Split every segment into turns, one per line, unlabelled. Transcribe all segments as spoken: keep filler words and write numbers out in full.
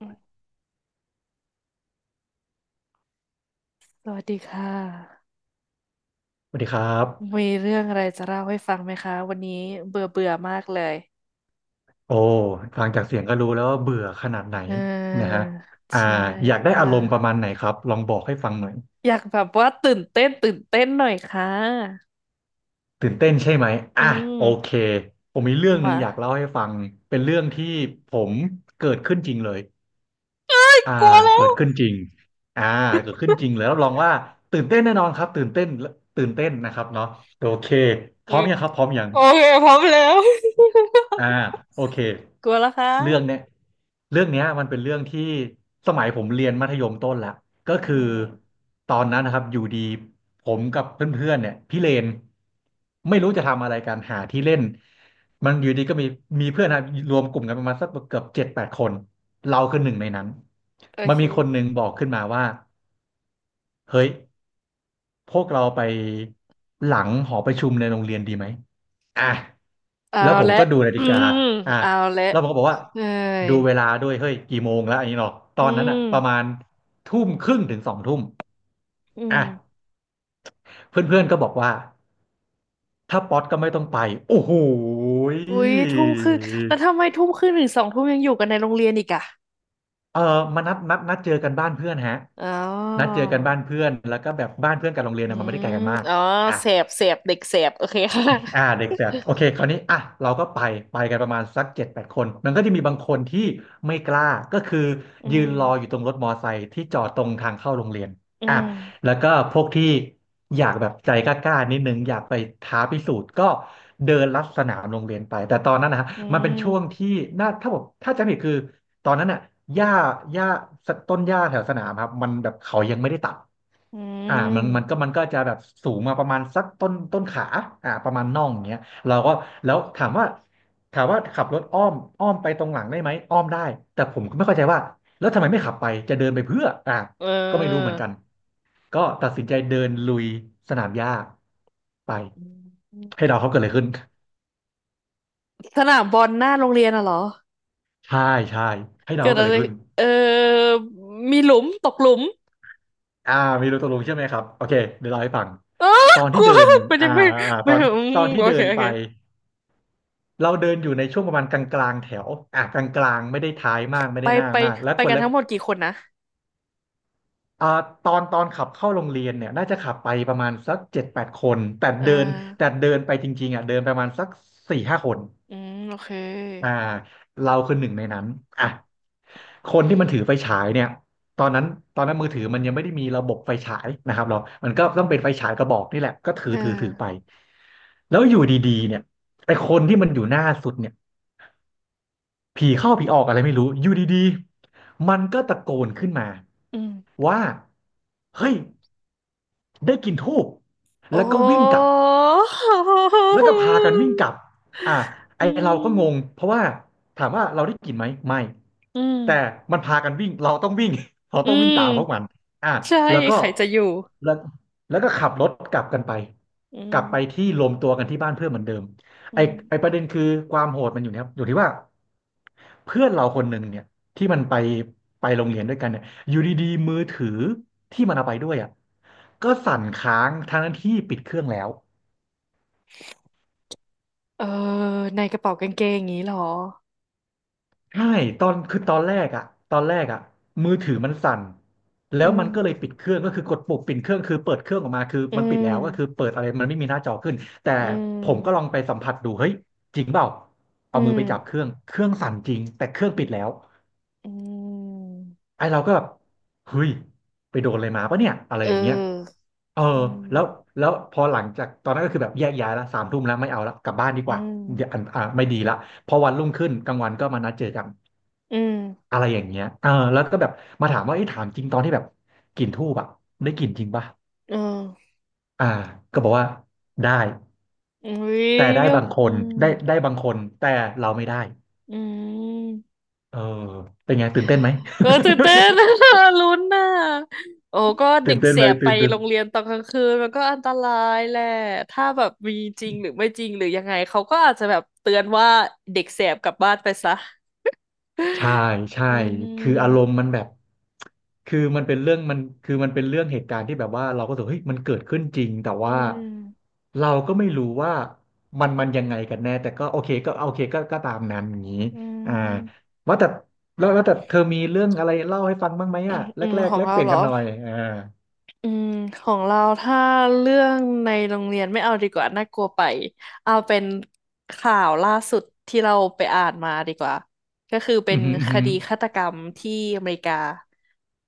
อืมสวัสดีค่ะ
สวัสดีครับ
มีเรื่องอะไรจะเล่าให้ฟังไหมคะวันนี้เบื่อเบื่อมากเลย
โอ้ฟังจากเสียงก็รู้แล้วว่าเบื่อขนาดไหน
เอ
นะฮะ
อ
อ่า
ใช่
อยากได้อา
มา
รมณ์ประมาณไหนครับลองบอกให้ฟังหน่อย
อยากแบบว่าตื่นเต้นตื่นเต้นหน่อยค่ะ
ตื่นเต้นใช่ไหม
อื
อ่ะโอเค
ม
ผมมีเรื่องหนึ่ง
มา
อยากเล่าให้ฟังเป็นเรื่องที่ผมเกิดขึ้นจริงเลยอ่า
กลัวแล้
เกิ
ว
ดขึ้นจริงอ่าเกิดขึ้นจริงเลยรับรองว่าตื่นเต้นแน่นอนครับตื่นเต้นตื่นเต้นนะครับเนาะโอเคพ
อื
ร้อม
ม
ยังครับพร้อมยัง
โอเคพร้อมแล้ว
อ่าโอเค
กลัวแล้วครั
เรื่อง
บ
เนี้ยเรื่องเนี้ยมันเป็นเรื่องที่สมัยผมเรียนมัธยมต้นละก็
อื
คือ
ม
ตอนนั้นนะครับอยู่ดีผมกับเพื่อนๆเนี่ยพี่เลนไม่รู้จะทำอะไรกันหาที่เล่นมันอยู่ดีก็มีมีเพื่อนนะรวมกลุ่มกันประมาณสักเกือบเจ็ดแปดคนเราคือหนึ่งในนั้น
โอ
มัน
เค
มีคนหนึ่งบอกขึ้นมาว่าเฮ้ยพวกเราไปหลังหอประชุมในโรงเรียนดีไหมอ่ะ
เอา
แล้วผม
ละ
ก็ดูนา
อื
ฬิกา
ม
อ่ะ
เอาละ
แล้วผมก็บอกว่า
เอ้ย
ดูเวลาด้วยเฮ้ยกี่โมงแล้วอันนี้เนาะต
อื
อนนั้นอ่ะ
ม
ประมาณทุ่มครึ่งถึงสองทุ่ม
อื
อ่ะ
ม
เพื่อนๆก็บอกว่าถ้าป๊อตก็ไม่ต้องไปโอ้โหย
อุ๊ยทุ่มครึ่งแล้วทำไมทุ่มครึ่งถึงสองทุ่มยังอยู่กันในโรงเรียนอีกอะ
เออมานัดนัดนัดเจอกันบ้านเพื่อนฮะ
อ๋อ
นัดเจอกันบ้านเพื่อนแล้วก็แบบบ้านเพื่อนกับโรงเรียน
อื
นะมันไม่ได้ไกล
ม
กันมาก
อ๋อ
อ่ะ
เสบเสบเด็กเสบโอเค ค่ะ
อ่าเด็กแฝดโอเคคราวนี้อ่ะเราก็ไปไปกันประมาณสักเจ็ดแปดคนมันก็จะมีบางคนที่ไม่กล้าก็คือ
อื
ยืน
ม
รออยู่ตรงรถมอไซค์ที่จอดตรงทางเข้าโรงเรียน
อื
อ่ะ
ม
แล้วก็พวกที่อยากแบบใจกล้าๆนิดนึงอยากไปท้าพิสูจน์ก็เดินลัดสนามโรงเรียนไปแต่ตอนนั้นนะฮะ
อื
มันเป็นช่วง
ม
ที่น่าถ้าผมถ้าจำไม่ผิดคือ ตอนนั้นอ่ะหญ้าหญ้าต้นหญ้าแถวสนามครับมันแบบเขายังไม่ได้ตัด
อื
อ่ามันมันก็
ม
มันก็จะแบบสูงมาประมาณสักต้นต้นขาอ่าประมาณน่องอย่างเงี้ยเราก็แล้วถามว่าถามว่าขับรถอ้อมอ้อมไปตรงหลังได้ไหมอ้อมได้แต่ผมก็ไม่เข้าใจว่าแล้วทำไมไม่ขับไปจะเดินไปเพื่ออ่า
เอ
ก็ไม่รู้เหมื
อ
อนกันก็ตัดสินใจเดินลุยสนามหญ้าไป
อื
ให้
ม
เดาเขาเกิดอะไรขึ้น
สนามบอลหน้าโรงเรียนอะเหรอ
ใช่ใช่ให้เดา
เกิ
ว่า
ด
เกิด
อะ
อะไร
ไร
ขึ้น
เออมีหลุมตกหลุม
อ่ามีรูตะลุงใช่ไหมครับโอเคเดี๋ยวเล่าให้ฟัง
เออ
ตอน
ก
ที่
ลัว
เดิน
ไม่ได้
อ่า
ไม่
อ่าต
ไม่
อน
อื
ตอ
ม
นที่
โอ
เดิ
เค
น
โอ
ไป
เค
เราเดินอยู่ในช่วงประมาณกลางๆแถวอ่ากลางๆไม่ได้ท้ายมากไม่
ไป
ได้หน้า
ไป
มากและ
ไป
คน
กัน
ละ
ทั้งหมดกี่คนนะ
อ่าตอนตอนขับเข้าโรงเรียนเนี่ยน่าจะขับไปประมาณสักเจ็ดแปดคนแต่
เออ
เดินแต่เดินไปจริงๆอ่ะเดินประมาณสักสี่ห้าคน
อืมโอเค
อ่าเราคือหนึ่งในนั้นอ่ะ คนที่มันถือไฟฉายเนี่ยตอนนั้นตอนนั้นมือถือมันยังไม่ได้มีระบบไฟฉายนะครับเรามันก็ต้องเป็นไฟฉายกระบอกนี่แหละก็ถือ
เอ
ถือถือไป
อ
แล้วอยู่ดีๆเนี่ยไอ้คนที่มันอยู่หน้าสุดเนี่ยผีเข้าผีออกอะไรไม่รู้อยู่ดีๆมันก็ตะโกนขึ้นมา
อืม
ว่าเฮ้ยได้กลิ่นธูป
โอ้
แล้วก็วิ่งกลับ แล้วก็พากันวิ่ง กลับอ่ะไอ
อื
เราก็งง
ม
เพราะว่าถามว่าเราได้กลิ่นไหมไม่
อื
แต่
ม
มันพากันวิ่งเราต้องวิ่ง เรา
อื
ต้องวิ่งตามพวกมัน
ม
อ่ะ
ใช่
แล้วก็
ใครจะอยู่
แล้วแล้วก็ขับรถกลับกันไป
อื
กลับไป
ม
ที่รวมตัวกันที่บ้านเพื่อนเหมือนเดิม
อื
ไอไอ
ม
ประเด็นคือความโหดมันอยู่นะครับอยู่ที่ว่าเพื่อนเราคนหนึ่งเนี่ยที่มันไปไปโรงเรียนด้วยกันเนี่ยอยู่ดีๆมือถือที่มันเอาไปด้วยอ่ะก็สั่นค้างทั้งที่ปิดเครื่องแล้ว
เออในกระเป๋ากางเกงอย่างนี้เหรอ
ใช่ตอนคือตอนแรกอะตอนแรกอะมือถือมันสั่นแล้
อื
วมั
ม
นก็เลยปิดเครื่องก็คือกดปุ่มปิดเครื่องคือเปิดเครื่องออกมาคือ
อื
มันปิดแล้วก็คือ
ม
เปิดอะไรมันไม่มีหน้าจอขึ้นแต่
อื
ผมก็ลอ
ม
งไปสัมผัสดูเฮ้ยจริงเปล่า
อื
เอามือไปจับเค
ม
รื่องเครื่องสั่นจริงแต่เครื่องปิดแล้ว
อืม
ไอ้เราก็แบบเฮ้ยไปโดนอะไรมาปะเนี่ยอะไร
เ
อย่างเงี้ย
ออ
เออ
อื
แล้ว
ม
แล้วพอหลังจากตอนนั้นก็คือแบบแยกย้ายละสามทุ่มแล้วไม่เอาละกลับบ้านดี
อื
กว่าเดี๋ยวอ่ะ
ม
อ่ะไม่ดีละพอวันรุ่งขึ้นกลางวันก็มานัดเจอกัน
อืม
อะไรอย่างเงี้ยเออแล้วก็แบบมาถามว่าไอ้ยถามจริงตอนที่แบบกลิ่นธูปอะได้กลิ่นจริงปะ
เออ
อ่าก็บอกว่าได้
อุ้ย
แต่ได้
ก็
บางค
อื
น
ม
ได้ได้บางคนแต่เราไม่ได้
อืม
เออเป็นไงตื่นเต้นไหม
เออตื่นเต้น ลุ้นน่ะโอ้ก็ เด็
ตื่น
ก
เต้น
แส
ไหม
บไป
ตื่นเต้น
โรงเรียนตอนกลางคืนมันก็อันตรายแหละถ้าแบบมีจริงหรือไม่จริงหรือยังไงเขาก็อาจจะแบบเตือนว่าเด็กแสบกลับบ้านไปซะ
ใช่ใช่
อื
คืออารม
ม
ณ์มันแบบคือมันเป็นเรื่องมันคือมันเป็นเรื่องเหตุการณ์ที่แบบว่าเราก็รู้สึกเฮ้ยมันเกิดขึ้นจริงแต่
อื
ว่า
ม
เราก็ไม่รู้ว่ามันมันยังไงกันแน่แต่ก็โอเคก็โอเคก็ก็ตามนั้นอย่างนี้
อื
อ่า
ม
ว่าแต่แล้วแล้วแต่เธอมีเรื่องอะไรเล่าให้ฟังบ้างไหมอ่ะ แร
อื
ก
ม
แร
ข
ก
อง
แลก
เรา
เปลี่ยน
เหรอ
กันหน่อยอ่า
อืมของเราถ้าเรื่องในโรงเรียนไม่เอาดีกว่าน่ากลัวไปเอาเป็นข่าวล่าสุดที่เราไปอ่านมาดีกว่าก็คือเป็
อื
น
อหืออือ
ค
หือ
ดีฆาตกรรมที่อเมริกา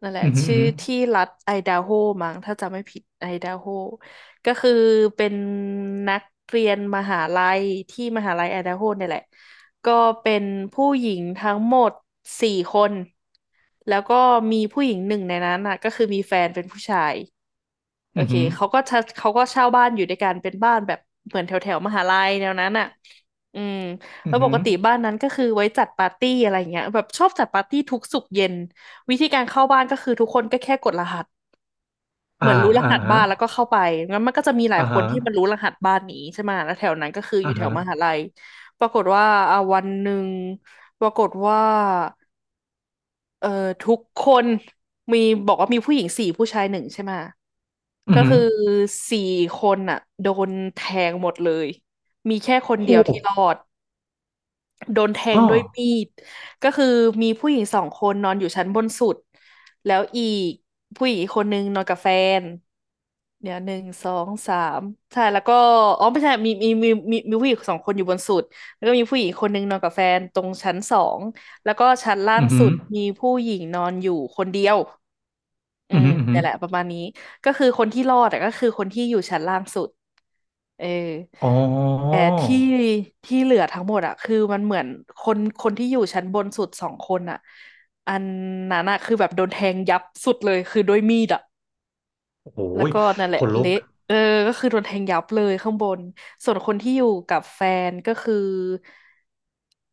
นั่นแหละ
อือหือ
ชื่อที่รัฐไอดาโฮมั้งถ้าจำไม่ผิดไอดาโฮก็คือเป็นนักเรียนมหาลัยที่มหาลัยไอดาโฮเนี่ยแหละ ก็เป็นผู้หญิงทั้งหมดสี่คนแล้วก็มีผู้หญิงหนึ่งในนั้นอ่ะก็คือมีแฟนเป็นผู้ชายโอ
อือ
เค
หือ
เขาก็เช่าเขาก็เช่าบ้านอยู่ด้วยกันเป็นบ้านแบบเหมือนแถวแถวมหาลัยแนวนั้นอ่ะอืม
อื
แล้
อ
วป
หือ
กติบ้านนั้นก็คือไว้จัดปาร์ตี้อะไรเงี้ยแบบชอบจัดปาร์ตี้ทุกศุกร์เย็นวิธีการเข้าบ้านก็คือทุกคนก็แค่กดรหัส เห
อ่า
มือนรู้ร
อ่า
หัสบ้า
ฮะ
นแล้วก็เข้าไปงั้นมันก็จะมีหลาย
อ่า
คน
ฮะ
ที่มันรู้รหัสบ้านนี้ใช่ไหมแล้วแถวนั้นก็คืออ
อ่า
ยู่แถ
ฮะ
วมหาลัยปรากฏว่าอ่าวันหนึ่งปรากฏว่าเอ่อทุกคนมีบอกว่ามีผู้หญิงสี่ผู้ชายหนึ่งใช่ไหม
อือ
ก็
หือ
คือสี่คนอ่ะโดนแทงหมดเลยมีแค่คน
โ
เดียวที่รอ
ห
ดโดนแท
อ้
ง
อ
ด้วยมีดก็คือมีผู้หญิงสองคนนอนอยู่ชั้นบนสุดแล้วอีกผู้หญิงอีกคนนึงนอนกับแฟน เดี๋ยวหนึ่งสองสามใช่แล้วก็อ๋อไม่ใช่มีมีมีมีมีผู้หญิงสองคนอยู่บนสุดแล้วก็มีผู้หญิงคนหนึ่งนอนกับแฟนตรงชั้นสองแล้วก็ชั้นล่าง
อือหื
สุ
อ
ดมีผู้หญิงนอนอยู่คนเดียวอื
อืม
ม
อม
แต่แหละประมาณนี้ก็คือคนที่รอดแต่ก็คือคนที่อยู่ชั้นล่างสุดเออ
อ๋อ
แต่ที่ที่เหลือทั้งหมดอะคือมันเหมือนคนคนที่อยู่ชั้นบนสุดสองคนอะอันนั้นอะคือแบบโดนแทงยับสุดเลยคือด้วยมีดอะ
โอ้โห
แล้วก็นั่นแห
ข
ละ
นลุก
เละเออก็คือโดนแทงยับเลยข้างบนส่วนคนที่อยู่กับแฟนก็คือ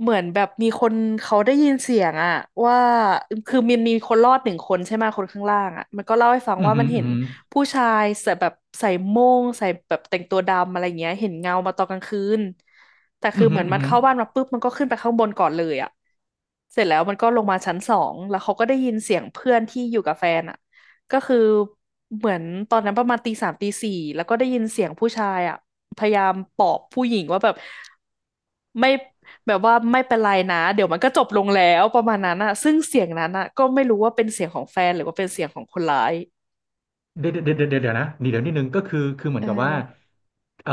เหมือนแบบมีคนเขาได้ยินเสียงอะว่าคือมีมีคนรอดหนึ่งคนใช่ไหมคนข้างล่างอะมันก็เล่าให้ฟัง
อืมอ
ว่า
หื
มั
ม
นเห็น
ออ
ผู้ชายใส่แบบใส่โม่งใส่แบบแต่งตัวดำอะไรเงี้ยเห็นเงามาตอนกลางคืนแต่
ื
คื
ม
อ
อ
เห
หื
มื
อ
อน
อือือ
มัน
อืหือ
เข้าบ้านมาปุ๊บมันก็ขึ้นไปข้างบนก่อนเลยอะเสร็จแล้วมันก็ลงมาชั้นสองแล้วเขาก็ได้ยินเสียงเพื่อนที่อยู่กับแฟนอะ ก็คือเหมือนตอนนั้นประมาณตีสามตีสี่แล้วก็ได้ยินเสียงผู้ชายอ่ะพยายามปลอบผู้หญิงว่าแบบไม่แบบว่าไม่เป็นไรนะเดี๋ยวมันก็จบลงแล้วประมาณนั้นอ่ะซึ่งเสียงนั้นอ่ะก็ไม่รู้ว่าเป็นเสียงของแฟนหรือว่าเป็นเสียงของคนร้าย
เดี๋ยวเดี๋ยวเดี๋ยวเดี๋ยวเดี๋ยวนะนี่เดี๋ยวนิดนึงก็คือคือเหมือ
เออ
นกับว่าเอ่อ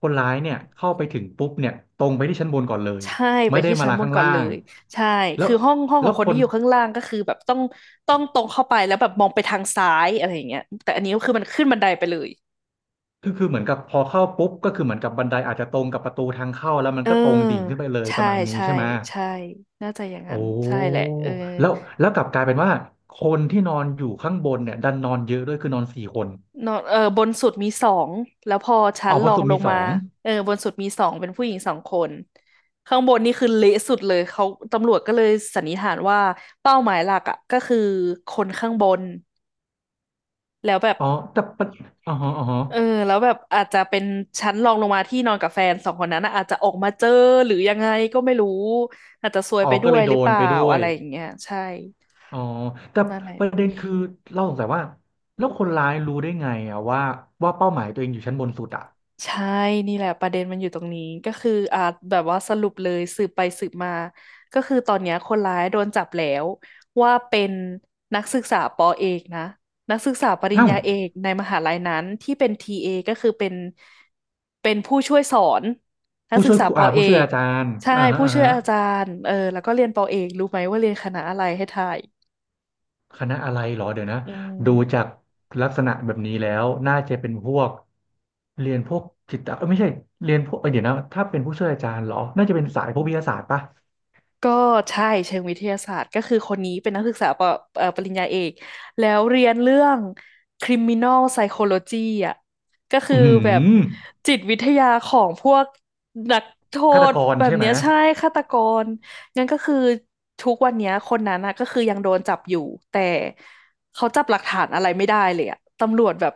คนร้ายเนี่ยเข้าไปถึงปุ๊บเนี่ยตรงไปที่ชั้นบนก่อนเลย
ใช่ไป
ไม่ได้
ที่
มา
ชั้น
ลา
บน
ข้าง
ก่อน
ล่า
เล
ง
ยใช่
แล้ว
คือห้องห้องข
แล้
อ
ว
งคน
ค
ที่
น
อยู่ข้างล่างก็คือแบบต้องต้องตรงเข้าไปแล้วแบบมองไปทางซ้ายอะไรอย่างเงี้ยแต่อันนี้ก็คือมันขึ้นบันไดไปเลย
คือคือเหมือนกับพอเข้าปุ๊บก็คือเหมือนกับบันไดอาจจะตรงกับประตูทางเข้าแล้วมัน
เออ
ก็ตรงดิ่งขึ้นไปเลยป
ใช่
ระมาณนี้
ใช่
ใช่ไหม
ใช่น่าจะอย่างนั้
โอ้
นใช่แหละเออ
แล้วแล้วกลับกลายเป็นว่า คนที่นอนอยู่ข้างบนเนี่ยดันนอนเยอะด้วยคือนอนสี่คน
นอนเออบนสุดมีสองแล้วพอชั้น
เอาบ
รอ
น
ง
สุด
ล
มี
ง
ส
มา
อง
เออบนสุดมีสองเป็นผู้หญิงสองคนข้างบนนี่คือเละสุดเลยเขาตำรวจก็เลยสันนิษฐานว่าเป้าหมายหลักอ่ะก็คือคนข้างบนแล้วแบบ
อ๋อแต่ประอ๋อฮะอ๋อฮะ
เออแล้วแบบอาจจะเป็นชั้นรองลงมาที่นอนกับแฟนสองคนนั้นนะอาจจะออกมาเจอหรือยังไงก็ไม่รู้อาจจะซวย
อ๋
ไป
อ
ด้
ก็
ว
เล
ย
ย
ห
โด
รือเป
น
ล่า
ไปด้ว
อะ
ย
ไรอย่างเงี้ยใช่
อ๋อแต่
นั่นแหละ
ประเด็นคือเราสงสัยว่าแล้วคนร้ายรู้ได้ไงอะว่าว่าเป้าหมายตัวเองอยู่ชั้นบนสุดอะ
ใช่นี่แหละประเด็นมันอยู่ตรงนี้ก็คืออ่าแบบว่าสรุปเลยสืบไปสืบมาก็คือตอนเนี้ยคนร้ายโดนจับแล้วว่าเป็นนักศึกษาปอเอกนะนักศึกษาปริญ
เอ้า
ญาเอกในมหาลัยนั้นที่เป็นทีเอก็คือเป็นเป็นผู้ช่วยสอนนัก
ผู้
ศึ
ช่
ก
วย
ษา
ครู
ปอ
อ่า
เอ
ผู้ช่วย
ก
อาจารย์
ใช่
อ่าฮะ
ผู้
อ่า
ช่วย
ฮะ
อาจารย์เออแล้วก็เรียนปอเอกรู้ไหมว่าเรียนคณะอะไรให้ทาย
คณะอะไรเหรอเดี๋ยวนะ
อื
ดูจาก
ม
ลักษณะแบบนี้แล้วน่าจะเป็นพวกเรียนพวกจิตเอ้ยไม่ใช่เรียนพวกเอ้ยเดี๋ยวนะถ้าเป็นผู้ช่วยอาจารย์เหรอน่าจะเป็นสายพวกวิทยาศาสตร์ปะ
ก็ใช่เชิงวิทยาศาสตร์ก็คือคนนี้เป็นนักศึกษาปเอ่อปริญญาเอกแล้วเรียนเรื่อง คริมินอล ไซโคโลจี อ่ะก็คื
อื
อแบบ
มห
จิตวิทยาของพวกนักโท
ฆาต
ษ
กร
แบบ
ใช่ไหม
เนี้ยใช่ฆาตกรงั้นก็คือทุกวันเนี้ยคนนั้นนะก็คือยังโดนจับอยู่แต่เขาจับหลักฐานอะไรไม่ได้เลยอะตำรวจแบบ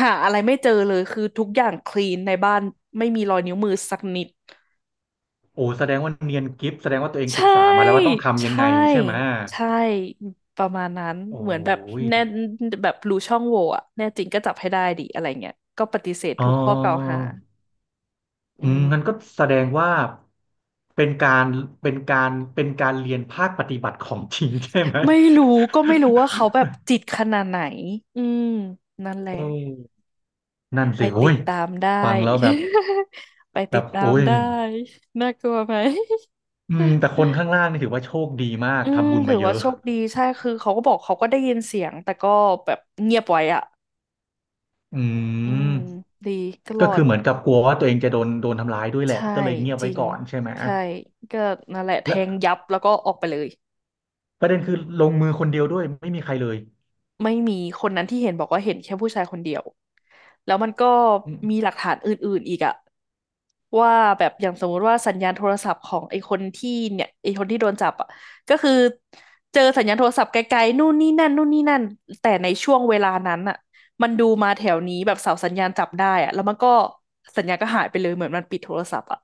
หาอะไรไม่เจอเลยคือทุกอย่างคลีนในบ้านไม่มีรอยนิ้วมือสักนิด
โอ้แสดงว่าเนียนกิฟแสดงว่าตัวเองศึ
ใช่
กษามาแล้วว่าต้องทำยัง
ใช่
ไงใช่ไหม
ใช่ประมาณนั้น
โอ้
เหมือนแบบ
ย
แน่แบบรู้ช่องโหว่อะแน่จริงก็จับให้ได้ดิอะไรเงี้ยก็ปฏิเสธ
อ๋อ
ทุกข้อกล่าวหาอื
อืมงั้น
ม
ก็แสดงว่าเป็นการเป็นการเป็นการเรียนภาคปฏิบัติของจริงใช่ไหม
ไม่รู้ก็ไม่รู้ว่าเขาแบบจิตขนาดไหนอืมนั่นแห ละ
อืมนั่น
ไป
สิโอ้
ติด
ย
ตามได้
ฟังแล้วแบบ
ไป
แบ
ติด
บ
ตา
โอ้
ม
ย
ได้น่ากลัวไหม
อืมแต่คนข้างล่างนี่ถือว่าโชคดีมาก
อืม
ทำบุญ
ถื
มา
อ
เย
ว่า
อะ
โชคดีใช่คือเขาก็บอกเขาก็ได้ยินเสียงแต่ก็แบบเงียบไว้อะ
อื
อืม
ม
ดีก็ร
ก็
อ
คื
ด
อเหมือนกับกลัวว่าตัวเองจะโดนโดนทำร้ายด้วยแหละ
ใช่
ก็เลยเงียบ
จ
ไว้
ริง
ก่อนใช่ไหม
ใช่ก็นั่นแหละแทง
และ
ยับแล้วก็ออกไปเลย
ประเด็นคือลงมือคนเดียวด้วยไม่มีใครเลย
ไม่มีคนนั้นที่เห็นบอกว่าเห็นแค่ผู้ชายคนเดียวแล้วมันก็
อื
มีห
ม
ลักฐานอื่นๆอีกอะว่าแบบอย่างสมมุติว่าสัญญาณโทรศัพท์ของไอ้คนที่เนี่ยไอ้คนที่โดนจับอะก็คือเจอสัญญาณโทรศัพท์ไกลๆนู่นนี่นั่นนู่นนี่นั่นแต่ในช่วงเวลานั้นอะมันดูมาแถวนี้แบบเสาสัญญาณจับได้อะแล้วมันก็สัญญาณก็หายไปเลยเหมือนมันปิดโทรศัพท์อะ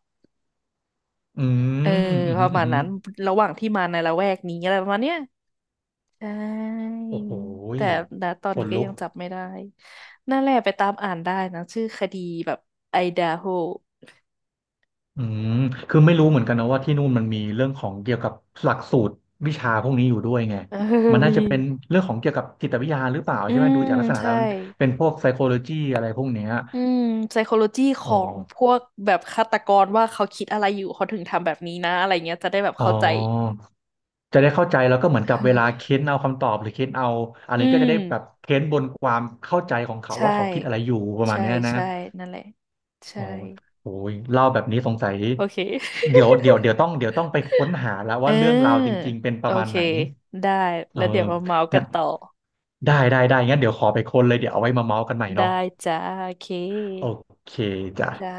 อื
เออ
มอืม
ประ
อื
มาณ
ม
นั้นระหว่างที่มาในละแวกนี้อะไรประมาณเนี้ยใช่
โอ้โหย
แต่ณตอน
ข
นี้
น
ก็
ลุ
ยั
ก
งจับไม่ได้นั่นแหละไปตามอ่านได้นะชื่อคดีแบบไอดาโฮ
อืมคือไม่รู้เหมือนกันนะว่าที่นู่นมันมีเรื่องของเกี่ยวกับหลักสูตรวิชาพวกนี้อยู่ด้วยไง
เออ
มัน น่า
มี
จะเป็นเรื่องของเกี่ยวกับจิตวิทยาหรือเปล่า
อื
ใช่ไหม
ม
ดูจากลักษณะ
ใช่
แล้วเป็นพวก psychology อะไรพวกเนี้ย
อืม พี เอส ซี เอช โอ จีข
อ๋อ
องพวกแบบฆาตกรว่าเขาคิดอะไรอยู่เขาถึงทำแบบนี้นะอะไรเงี้ยจะได้แบบ
อ๋อ
เข้าใจ
จะได้เข้าใจแล้วก็เหมือนกับเวลาเค้นเอาคำตอบหรือเค้นเอาอัน
อื
นี้ก็จะ
ม
ได้แบบเค้นบนความเข้าใจของเขา
ใช่
ว่าเขาคิดอะไรอยู่ประมาณ
ใช่
เนี้ยนะ
ใช่นั่นแหละ
อ๋
ใช่
อโอ้ยเล่าแบบนี้สงสัย
โอเค
เดี๋ยวเดี๋ยวเดี๋ยวต้องเดี๋ยวต้องไปค้นหาแล้ว
เ
ว่าเรื่องราวจ
ออ
ริงๆ เป็นป
โอ
ระมาณ
เค
ไหน
ได้
เอ
แล้
อ
วเดี๋ยวมาเมาส์กั
งั้
น
น
ต่อ
ได้ได้ได้งั้นเดี๋ยวขอไปค้นเลยเดี๋ยวเอาไว้มาเมาส์กันใหม่
ได้
เนาะ
จ้าโอเค
โอเคจ้ะ
จ้า